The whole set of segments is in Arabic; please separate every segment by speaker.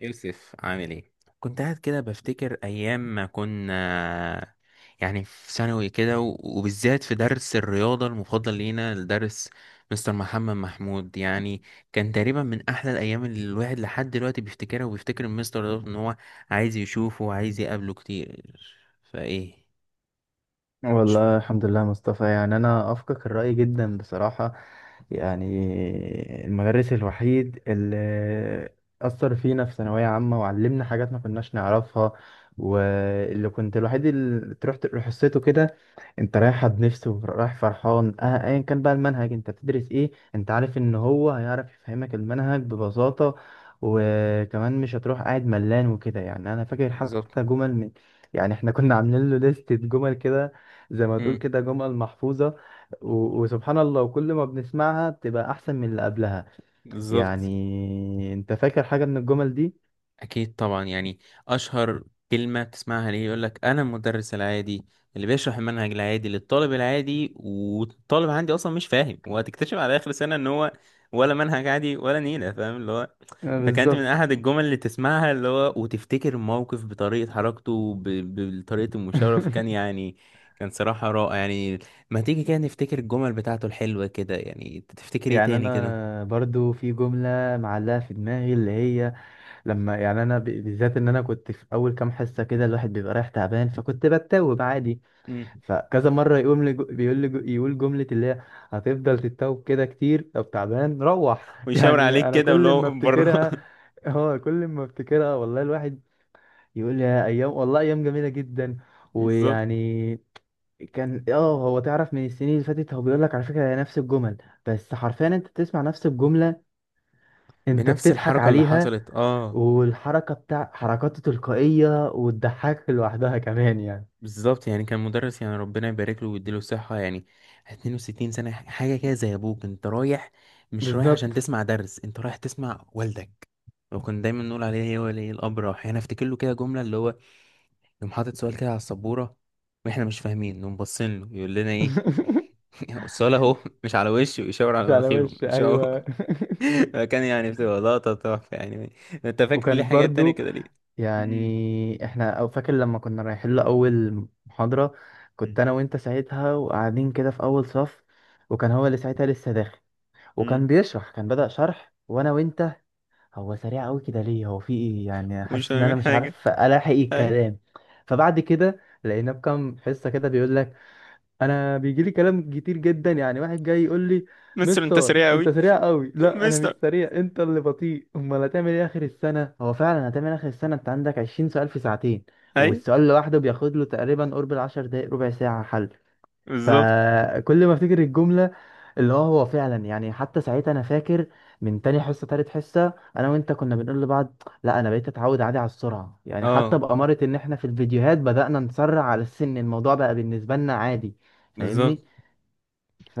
Speaker 1: يوسف عامل ايه؟ كنت قاعد كده بفتكر ايام ما كنا يعني في ثانوي كده وبالذات في درس الرياضة المفضل لينا الدرس، مستر محمد محمود يعني. كان تقريبا من احلى الايام اللي الواحد لحد دلوقتي بيفتكرها وبيفتكر المستر ده، ان هو عايز يشوفه وعايز يقابله كتير. فايه؟ مش-
Speaker 2: والله الحمد لله يا مصطفى، يعني انا اوافقك الرأي جدا بصراحة. يعني المدرس الوحيد اللي اثر فينا في ثانوية عامة وعلمنا حاجات ما كناش نعرفها، واللي كنت الوحيد اللي تروح حصته كده. انت رايح بنفسه ورايح فرحان، اه ايا كان بقى المنهج انت بتدرس ايه، انت عارف ان هو هيعرف يفهمك المنهج ببساطة. وكمان مش هتروح قاعد ملان وكده. يعني انا فاكر
Speaker 1: بالظبط.
Speaker 2: حتى جمل من يعني احنا كنا عاملين له لستة جمل كده، زي ما تقول
Speaker 1: امم
Speaker 2: كده جمل محفوظة. و... وسبحان الله، وكل ما بنسمعها بتبقى احسن من اللي قبلها.
Speaker 1: بالظبط.
Speaker 2: يعني انت فاكر حاجة من الجمل دي؟
Speaker 1: أكيد طبعا يعني. أشهر كلمة بتسمعها ليه يقولك أنا المدرس العادي اللي بيشرح المنهج العادي للطالب العادي، والطالب عندي أصلا مش فاهم، وهتكتشف على آخر سنة إن هو ولا منهج عادي ولا نيلة فاهم اللي هو.
Speaker 2: آه،
Speaker 1: فكانت من
Speaker 2: بالظبط.
Speaker 1: أحد الجمل اللي تسمعها اللي هو، وتفتكر الموقف بطريقة حركته بطريقة المشاورة. فكان يعني، كان صراحة رائع يعني. ما تيجي كده نفتكر الجمل بتاعته الحلوة كده، يعني تفتكر إيه
Speaker 2: يعني
Speaker 1: تاني كده؟
Speaker 2: انا برضو في جملة معلقة في دماغي، اللي هي لما يعني بالذات ان انا كنت في اول كام حصه كده الواحد بيبقى رايح تعبان، فكنت بتوب عادي.
Speaker 1: مم.
Speaker 2: فكذا مره يقوم لي جو- بيقول لي جو- يقول جمله اللي هي هتفضل تتوب كده كتير، طب تعبان روح.
Speaker 1: ويشاور
Speaker 2: يعني
Speaker 1: عليك
Speaker 2: انا
Speaker 1: كده
Speaker 2: كل ما
Speaker 1: ولو بره.
Speaker 2: افتكرها، اه كل ما افتكرها والله الواحد يقول لي يا ايام، والله ايام جميله جدا.
Speaker 1: بالظبط.
Speaker 2: ويعني كان، اه هو تعرف من السنين اللي فاتت هو بيقول لك على فكره هي نفس الجمل، بس حرفيا انت بتسمع نفس الجمله، انت
Speaker 1: بنفس
Speaker 2: بتضحك
Speaker 1: الحركة اللي
Speaker 2: عليها.
Speaker 1: حصلت اه.
Speaker 2: والحركة بتاع حركاته تلقائية وتضحكك لوحدها كمان يعني.
Speaker 1: بالظبط يعني، كان مدرس يعني ربنا يبارك له ويديله الصحة يعني. 62 سنة حاجة كده، زي أبوك أنت رايح. مش رايح
Speaker 2: بالظبط.
Speaker 1: عشان تسمع درس، أنت رايح تسمع والدك. وكنا دايما نقول عليه هو ولي الأمر راح. يعني أفتكر له كده جملة اللي هو، يقوم حاطط سؤال كده على السبورة، وإحنا مش فاهمين، نقوم باصين له يقول لنا إيه؟ السؤال أهو، مش على وشه، ويشاور على
Speaker 2: مش على
Speaker 1: مناخيره،
Speaker 2: وش،
Speaker 1: مش أهو.
Speaker 2: ايوه.
Speaker 1: فكان يعني بتبقى لقطة تحفة يعني. أنت فاكر ليه
Speaker 2: وكانت
Speaker 1: حاجات تانية
Speaker 2: برضو،
Speaker 1: كده ليه؟ مم.
Speaker 2: يعني احنا او فاكر لما كنا رايحين له اول محاضرة، كنت انا وانت ساعتها وقاعدين كده في اول صف، وكان هو اللي ساعتها لسه داخل، وكان
Speaker 1: مم.
Speaker 2: بيشرح كان بدأ شرح. وانا وانت، هو سريع قوي كده ليه؟ هو في ايه؟ يعني
Speaker 1: ومش
Speaker 2: حاسس ان انا
Speaker 1: فاهمين
Speaker 2: مش
Speaker 1: حاجة.
Speaker 2: عارف الاحق
Speaker 1: اي.
Speaker 2: الكلام. فبعد كده لقيناه بكام حصة كده بيقول لك، انا بيجي لي كلام كتير جدا، يعني واحد جاي يقول لي
Speaker 1: مستر انت
Speaker 2: مستر
Speaker 1: سريع
Speaker 2: انت
Speaker 1: قوي.
Speaker 2: سريع قوي، لا انا مش
Speaker 1: مستر.
Speaker 2: سريع انت اللي بطيء، امال هتعمل ايه اخر السنه؟ هو فعلا هتعمل اخر السنه انت عندك 20 سؤال في ساعتين،
Speaker 1: اي.
Speaker 2: والسؤال لوحده بياخد له تقريبا قرب العشر دقايق ربع ساعه حل.
Speaker 1: بالظبط.
Speaker 2: فكل ما افتكر الجمله اللي هو، هو فعلا يعني حتى ساعتها انا فاكر من تاني حصه تالت حصه انا وانت كنا بنقول لبعض، لا انا بقيت اتعود عادي على السرعه. يعني حتى
Speaker 1: اه.
Speaker 2: بأمارة ان احنا في الفيديوهات بدأنا نسرع على السن، الموضوع بقى بالنسبه لنا عادي،
Speaker 1: بالظبط.
Speaker 2: فاهمني؟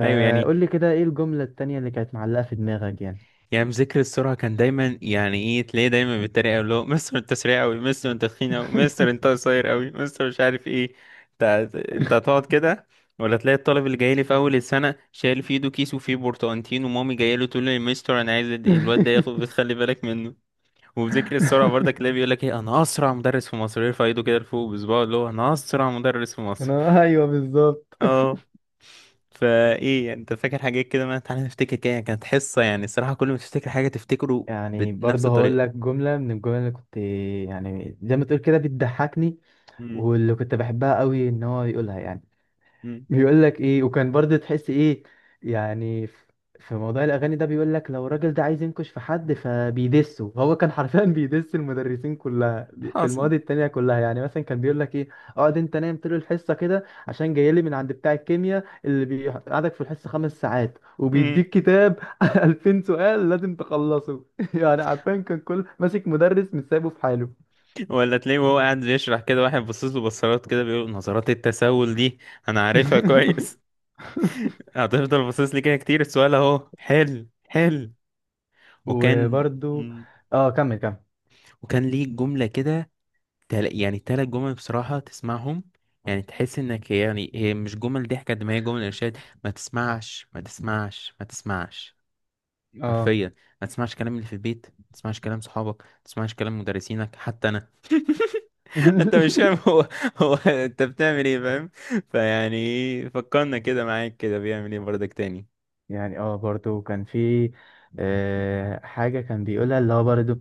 Speaker 1: ايوه يعني،
Speaker 2: لي كده ايه الجمله التانيه اللي كانت معلقه في دماغك يعني.
Speaker 1: يعني مذاكر السرعة كان دايما يعني ايه، تلاقيه دايما بالطريقة اللي هو: مستر انت سريع قوي، مستر انت تخين قوي، مستر انت قصير قوي، مستر مش عارف ايه. انت، انت هتقعد كده؟ ولا تلاقي الطالب اللي جاي لي في اول السنة شايل في ايده كيس وفيه برتقانتين، ومامي جايه له تقول لي: يا مستر انا عايز الواد ده ياخد، خلي بالك منه. وبذكر السرعة برضك اللي بيقول لك ايه: انا اسرع مدرس في مصر، يرفع ايده كده لفوق بصباعه اللي هو انا اسرع مدرس في مصر.
Speaker 2: انا ايوه بالظبط.
Speaker 1: اه. فايه يعني، انت فاكر حاجات كده؟ ما تعالى نفتكر كده، يعني كانت حصة يعني الصراحة كل ما تفتكر حاجة تفتكره
Speaker 2: يعني
Speaker 1: بنفس
Speaker 2: برضه هقول
Speaker 1: الطريقة.
Speaker 2: لك جمله من الجمل اللي كنت، يعني زي ما تقول كده بتضحكني،
Speaker 1: امم
Speaker 2: واللي كنت بحبها قوي ان هو يقولها يعني.
Speaker 1: امم
Speaker 2: بيقول لك ايه، وكان برضه تحس ايه يعني. في موضوع الاغاني ده بيقول لك، لو الراجل ده عايز ينكش في حد فبيدسه. هو كان حرفيا بيدس المدرسين كلها في
Speaker 1: حاصل.
Speaker 2: المواد التانية كلها. يعني مثلا كان بيقول لك ايه، اقعد انت نايم طول الحصه كده عشان جاي لي من عند بتاع الكيمياء اللي بيقعدك في الحصه خمس ساعات
Speaker 1: امم
Speaker 2: وبيديك كتاب 2000 سؤال لازم تخلصه. يعني عارفين كان كل ماسك مدرس مش سايبه في حاله.
Speaker 1: ولا تلاقيه وهو قاعد بيشرح كده، واحد باصص له بصات كده، بيقول: نظرات التساؤل دي انا عارفها كويس. هتفضل باصص لي كده كتير، السؤال اهو حل حل. وكان
Speaker 2: وبرضو،
Speaker 1: مم.
Speaker 2: اه كمل كمل.
Speaker 1: وكان ليه جملة كده، يعني تلات جمل بصراحة تسمعهم، يعني تحس انك يعني هي مش جمل ضحك قد ما هي جمل ارشاد: ما تسمعش ما تسمعش ما تسمعش.
Speaker 2: اه.
Speaker 1: حرفيا، ما تسمعش كلام اللي في البيت، ما تسمعش كلام صحابك، ما تسمعش كلام مدرسينك، حتى انا. انت مش فاهم، هو هو انت بتعمل ايه فاهم. فيعني فكرنا كده، معاك كده بيعمل ايه برضك تاني؟
Speaker 2: يعني اه برضو كان في، آه حاجة كان بيقولها اللي هو برضو،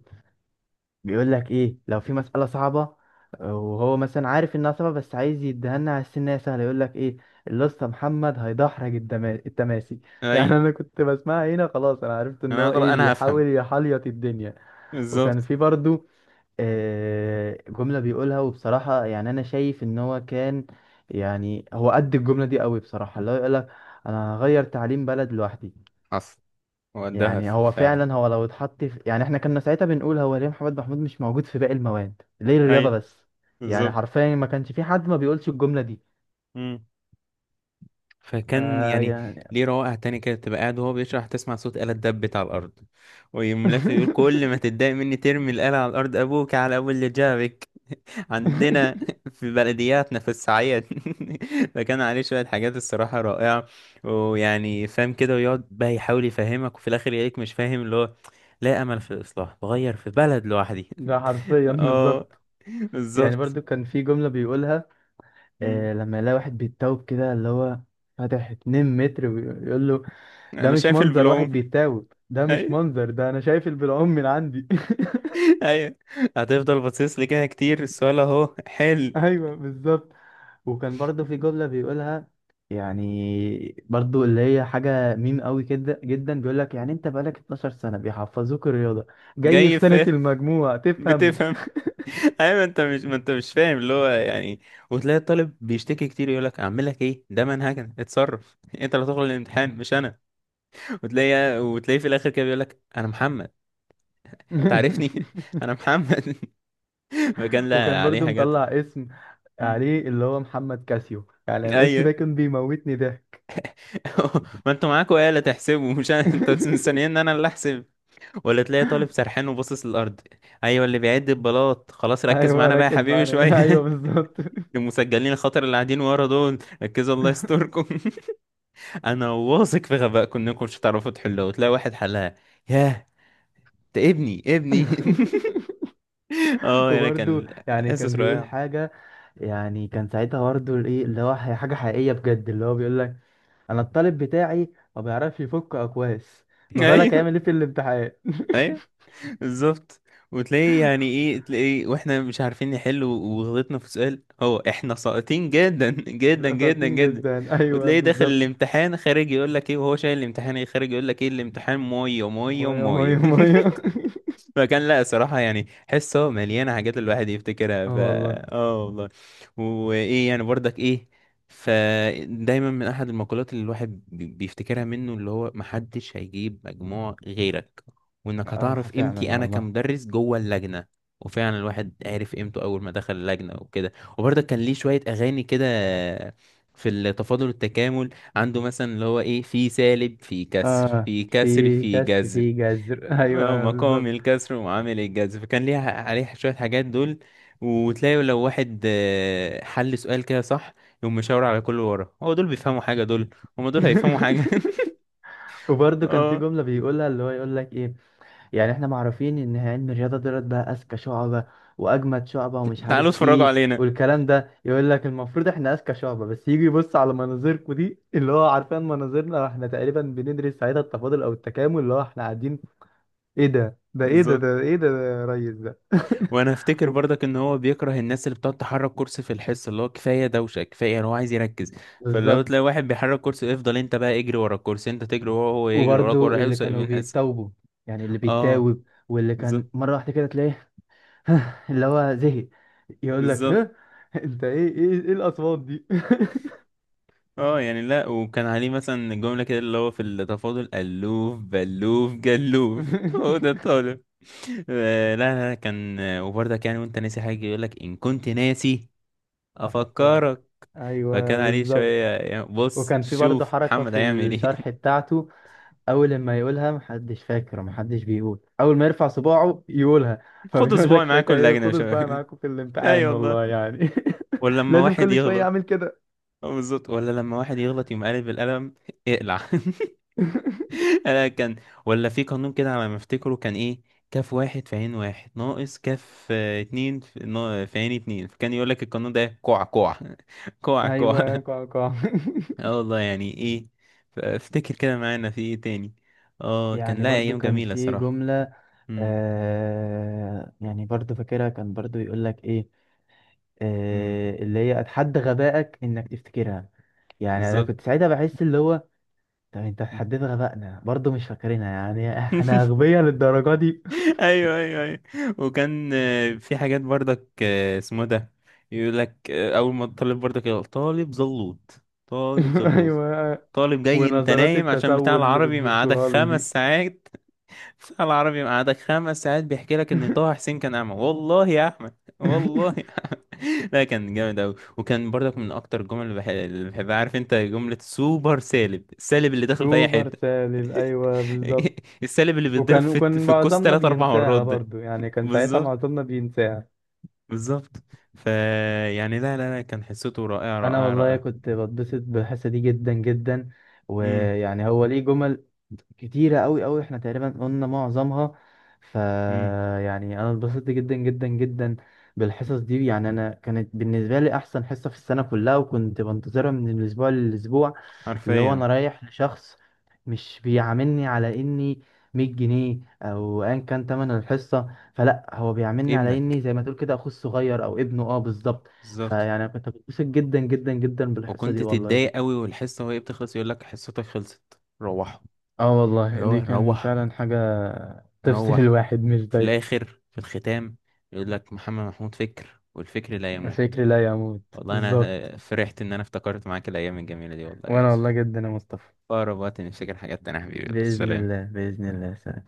Speaker 2: بيقول لك ايه لو في مسألة صعبة، آه، وهو مثلا عارف انها صعبة بس عايز يديها لنا على السن إنها سهلة، يقول لك ايه الاسطى محمد هيدحرج التماسي.
Speaker 1: اي.
Speaker 2: يعني انا كنت بسمعها هنا خلاص، انا عرفت ان
Speaker 1: انا
Speaker 2: هو ايه
Speaker 1: انا
Speaker 2: بيحاول
Speaker 1: هفهم.
Speaker 2: يحليط الدنيا. وكان
Speaker 1: بالظبط.
Speaker 2: في برضو، آه، جملة بيقولها وبصراحة يعني أنا شايف إن هو كان، يعني هو قد الجملة دي قوي بصراحة، اللي هو يقولك أنا هغير تعليم بلد لوحدي.
Speaker 1: حصل. هو ده
Speaker 2: يعني هو
Speaker 1: فعلا.
Speaker 2: فعلا، هو لو اتحط في، يعني احنا كنا ساعتها بنقول هو ليه محمد محمود مش موجود في باقي المواد، ليه الرياضة
Speaker 1: اي.
Speaker 2: بس؟ يعني
Speaker 1: بالظبط.
Speaker 2: حرفيا ما كانش في حد ما بيقولش الجملة دي.
Speaker 1: فكان يعني
Speaker 2: فيعني،
Speaker 1: ليه روائع تانية كده، تبقى قاعد وهو بيشرح تسمع صوت آلة دبت على الأرض، ويقوم لافف يقول: كل ما تتضايق مني ترمي الآلة على الأرض، أبوك على أبو اللي جابك. عندنا في بلدياتنا في الصعيد. فكان عليه شوية حاجات الصراحة رائعة. ويعني فاهم كده ويقعد بقى يحاول يفهمك، وفي الآخر يلاقيك مش فاهم اللي هو: لا أمل في الإصلاح، بغير في بلد لوحدي.
Speaker 2: ده حرفيا
Speaker 1: اه
Speaker 2: بالظبط. يعني
Speaker 1: بالظبط.
Speaker 2: برضو كان في جملة بيقولها
Speaker 1: مم.
Speaker 2: آه لما يلاقي واحد بيتوب كده اللي هو فاتح 2 متر، ويقول له ده
Speaker 1: أنا
Speaker 2: مش
Speaker 1: شايف
Speaker 2: منظر واحد
Speaker 1: البلوم.
Speaker 2: بيتاوب، ده مش منظر، ده انا شايف البلعوم من عندي.
Speaker 1: ايوه. هتفضل باصص لي كده كتير، السؤال اهو حلو.
Speaker 2: ايوه بالظبط. وكان برضو في جملة بيقولها، يعني برضو اللي هي حاجة ميم قوي كده جدا، بيقول لك يعني انت بقالك 12 سنة بيحفظوك الرياضة، جاي في
Speaker 1: جاي
Speaker 2: سنة
Speaker 1: فاهم.
Speaker 2: المجموع تفهم.
Speaker 1: بتفهم. ايوه انت مش، ما انت مش فاهم اللي هو يعني. وتلاقي الطالب بيشتكي كتير، يقول لك: اعمل لك ايه، ده منهجنا، اتصرف، انت اللي هتخرج الامتحان مش انا. وتلاقي، وتلاقيه في الاخر كده بيقول لك: انا محمد تعرفني. انا محمد. فكان
Speaker 2: وكان
Speaker 1: لا عليه
Speaker 2: برضو
Speaker 1: حاجات.
Speaker 2: مطلع اسم
Speaker 1: مم.
Speaker 2: عليه اللي هو محمد كاسيو، يعني الاسم ده
Speaker 1: ايوه.
Speaker 2: كان بيموتني ضحك.
Speaker 1: ما انتوا معاكوا آلة تحسبوا مش انا، انتوا مستنيين ان انا اللي احسب. ولا تلاقي طالب سرحان وباصص للأرض، أيوة اللي بيعد البلاط، خلاص ركز
Speaker 2: ايوه
Speaker 1: معانا بقى يا
Speaker 2: ركز
Speaker 1: حبيبي
Speaker 2: معايا. ايوه
Speaker 1: شوية.
Speaker 2: بالظبط.
Speaker 1: المسجلين الخطر اللي قاعدين ورا دول، ركزوا الله يستركم. أنا واثق في غبائكم إنكم مش هتعرفوا تحلوها، وتلاقي واحد حلها. ياه، ده ابني ابني. اه انا
Speaker 2: وبرده
Speaker 1: كان،
Speaker 2: يعني
Speaker 1: اسس
Speaker 2: كان بيقول
Speaker 1: رائع.
Speaker 2: حاجة، يعني كان ساعتها برضه ايه اللي هو حاجة حقيقية بجد، اللي هو بيقول لك انا الطالب بتاعي ما بيعرفش يفك اكواس، ما بالك
Speaker 1: ايوه
Speaker 2: هيعمل ايه في الامتحان.
Speaker 1: ايوه بالظبط. وتلاقيه يعني ايه، تلاقيه واحنا مش عارفين نحل وغلطنا في سؤال، هو احنا ساقطين جدا جدا جدا
Speaker 2: ساطين
Speaker 1: جدا.
Speaker 2: جدا، ايوه
Speaker 1: وتلاقيه داخل
Speaker 2: بالظبط.
Speaker 1: الامتحان خارج، يقول لك ايه وهو شايل الامتحان، ايه خارج يقول لك ايه؟ الامتحان ميه ميه
Speaker 2: ميه ميه
Speaker 1: ميه.
Speaker 2: ميه.
Speaker 1: فكان لا صراحة يعني حصة مليانة حاجات الواحد يفتكرها، ف،
Speaker 2: اه والله.
Speaker 1: اه والله. وايه يعني برضك ايه. فدايما من احد المقولات اللي الواحد بيفتكرها منه اللي هو: محدش هيجيب مجموع غيرك، وانك
Speaker 2: اه
Speaker 1: هتعرف
Speaker 2: فعلا
Speaker 1: قيمتي انا
Speaker 2: والله.
Speaker 1: كمدرس جوه اللجنة. وفعلا الواحد عرف قيمته اول ما دخل اللجنة وكده. وبرضك كان ليه شوية اغاني كده في التفاضل والتكامل، عنده مثلا اللي هو ايه: في سالب، في كسر،
Speaker 2: اه
Speaker 1: في كسر،
Speaker 2: في
Speaker 1: في
Speaker 2: كسر
Speaker 1: جذر.
Speaker 2: في جذر. ايوه
Speaker 1: مقام
Speaker 2: بالظبط.
Speaker 1: الكسر ومعامل الجذر، فكان ليها عليه شوية حاجات دول. وتلاقي لو واحد حل سؤال كده صح، يقوم مشاور على كل ورا: هو دول بيفهموا حاجة، دول هما دول هيفهموا حاجة.
Speaker 2: وبرضه كان في
Speaker 1: اه
Speaker 2: جملة بيقولها اللي هو يقول لك ايه، يعني احنا معروفين ان علم الرياضه دولت بقى اذكى شعبه واجمد شعبه ومش
Speaker 1: تعالوا
Speaker 2: عارف
Speaker 1: اتفرجوا
Speaker 2: ايه
Speaker 1: علينا.
Speaker 2: والكلام ده، يقول لك المفروض احنا اذكى شعبه بس يجي يبص على مناظركم دي اللي هو، عارفين مناظرنا احنا تقريبا بندرس ساعتها التفاضل او التكامل اللي هو احنا قاعدين ايه ده، ده ايه ده،
Speaker 1: بالظبط.
Speaker 2: ده ايه ده, ده يا ريس ده.
Speaker 1: وانا افتكر برضك ان هو بيكره الناس اللي بتقعد تحرك كرسي في الحصة، اللي هو كفاية دوشة، كفاية هو عايز يركز. فلو
Speaker 2: بالظبط.
Speaker 1: تلاقي واحد بيحرك كرسي: افضل انت بقى اجري ورا الكرسي، انت تجري ورا، هو يجري وراك،
Speaker 2: وبرده
Speaker 1: ورا
Speaker 2: اللي
Speaker 1: الحصة، يبقى
Speaker 2: كانوا
Speaker 1: الحصة.
Speaker 2: بيتوبوا، يعني اللي
Speaker 1: اه
Speaker 2: بيتاوب، واللي كان
Speaker 1: بالظبط.
Speaker 2: مره واحده كده تلاقيه اللي هو زهق، يقول لك
Speaker 1: بالظبط.
Speaker 2: ها انت ايه ايه ايه الاصوات دي.
Speaker 1: اه يعني لا، وكان عليه مثلا جملة كده اللي هو في التفاضل: ألوف بلوف جلوف، هو ده الطالب. لا لا لا، كان وبرضك يعني وانت ناسي حاجة يقولك إن كنت ناسي،
Speaker 2: افكرك،
Speaker 1: أفكرك.
Speaker 2: ايوه
Speaker 1: فكان عليه شوية،
Speaker 2: بالظبط.
Speaker 1: يعني بص
Speaker 2: وكان في برضه
Speaker 1: شوف
Speaker 2: حركه
Speaker 1: محمد
Speaker 2: في
Speaker 1: هيعمل ايه.
Speaker 2: الشرح بتاعته، اول ما يقولها محدش فاكر ومحدش بيقول، اول ما يرفع صباعه يقولها.
Speaker 1: خد
Speaker 2: فبيقول
Speaker 1: صباعي
Speaker 2: لك
Speaker 1: معاه
Speaker 2: ساعتها
Speaker 1: كل
Speaker 2: ايه،
Speaker 1: لجنة يا
Speaker 2: خدوا صباعي
Speaker 1: شباب.
Speaker 2: معاكم في
Speaker 1: اي
Speaker 2: الامتحان
Speaker 1: والله.
Speaker 2: والله يعني.
Speaker 1: ولما
Speaker 2: لازم
Speaker 1: واحد
Speaker 2: كل شويه
Speaker 1: يغلط،
Speaker 2: اعمل كده.
Speaker 1: اه بالظبط. ولا لما واحد يغلط يقوم قالب بالقلم: اقلع. انا كان، ولا في قانون كده على ما افتكره كان ايه: كاف واحد في عين واحد ناقص كاف اتنين في في عين اتنين، فكان يقول لك القانون ده: كوع كوع. كوع كوع.
Speaker 2: ايوه كوع كوع.
Speaker 1: اه والله يعني ايه. افتكر كده معانا في ايه تاني. اه كان
Speaker 2: يعني
Speaker 1: لا
Speaker 2: برضو
Speaker 1: ايام
Speaker 2: كان
Speaker 1: جميلة
Speaker 2: في
Speaker 1: الصراحة.
Speaker 2: جمله
Speaker 1: امم
Speaker 2: آه، يعني برضو فاكرها، كان برضو يقول لك ايه
Speaker 1: امم
Speaker 2: آه، اللي هي اتحدى غبائك انك تفتكرها. يعني انا
Speaker 1: بالظبط.
Speaker 2: كنت ساعتها بحس اللي هو، طب انت
Speaker 1: مم.
Speaker 2: اتحديت غبائنا برضه مش فاكرينها، يعني احنا اغبياء للدرجه دي؟
Speaker 1: ايوه ايوه ايوه. وكان في حاجات برضك اسمه ده، يقول لك اول ما الطالب برضك يقول: طالب زلوط، طالب زلوط،
Speaker 2: ايوه.
Speaker 1: طالب جاي انت
Speaker 2: ونظرات
Speaker 1: نايم عشان بتاع
Speaker 2: التسول اللي
Speaker 1: العربي مقعدك
Speaker 2: بتبصوها لي
Speaker 1: خمس
Speaker 2: دي.
Speaker 1: ساعات بتاع العربي مقعدك خمس ساعات، بيحكي لك ان طه حسين كان اعمى والله يا احمد. والله يا احمد. لا كان جامد اوي. وكان برضك من اكتر الجمل اللي اللي بحبها، عارف انت جملة سوبر سالب، السالب اللي داخل في اي
Speaker 2: سوبر
Speaker 1: حتة.
Speaker 2: سالم ايوه بالظبط.
Speaker 1: السالب اللي بيتضرب
Speaker 2: وكان
Speaker 1: في
Speaker 2: وكان
Speaker 1: في الكوس
Speaker 2: معظمنا
Speaker 1: تلات اربع مرات
Speaker 2: بينساها
Speaker 1: ده.
Speaker 2: برضو، يعني كان ساعتها
Speaker 1: بالظبط.
Speaker 2: معظمنا بينساها.
Speaker 1: بالظبط. ف، يعني لا لا لا كان حصته رائعة
Speaker 2: انا
Speaker 1: رائعة
Speaker 2: والله
Speaker 1: رائعة.
Speaker 2: كنت بتبسط بالحصه دي جدا جدا.
Speaker 1: امم
Speaker 2: ويعني هو ليه جمل كتيرة أوي أوي، احنا تقريبا قلنا معظمها. ف
Speaker 1: امم
Speaker 2: يعني أنا اتبسطت جدا جدا جدا بالحصص دي. يعني أنا كانت بالنسبة لي أحسن حصة في السنة كلها، وكنت بنتظرها من الأسبوع للأسبوع. اللي هو
Speaker 1: حرفيا.
Speaker 2: أنا رايح لشخص مش بيعاملني على إني 100 جنيه أو أيا كان تمن الحصة، فلا هو بيعاملني على
Speaker 1: ابنك.
Speaker 2: إني زي ما تقول كده أخوه الصغير أو ابنه، أه بالظبط.
Speaker 1: بالظبط.
Speaker 2: فيعني كنت بتبسط جدا جدا جدا بالحصة
Speaker 1: وكنت
Speaker 2: دي والله
Speaker 1: تتضايق
Speaker 2: جدا.
Speaker 1: قوي والحصة وهي بتخلص، يقول لك: حصتك خلصت روحوا.
Speaker 2: اه والله
Speaker 1: اللي هو
Speaker 2: دي كان
Speaker 1: نروح.
Speaker 2: فعلا حاجة تفصل.
Speaker 1: نروح.
Speaker 2: الواحد مش
Speaker 1: في
Speaker 2: ضايقه.
Speaker 1: الآخر في الختام يقول لك: محمد محمود فكر، والفكر لا يموت.
Speaker 2: فكري لا يموت
Speaker 1: والله أنا
Speaker 2: بالظبط.
Speaker 1: فرحت إن أنا افتكرت معاك الأيام الجميلة دي، والله يا
Speaker 2: وانا
Speaker 1: يوسف، في
Speaker 2: والله جدا يا مصطفى.
Speaker 1: أقرب وقت نفتكر حاجات تانية يا حبيبي،
Speaker 2: بإذن
Speaker 1: سلام.
Speaker 2: الله بإذن الله سلام.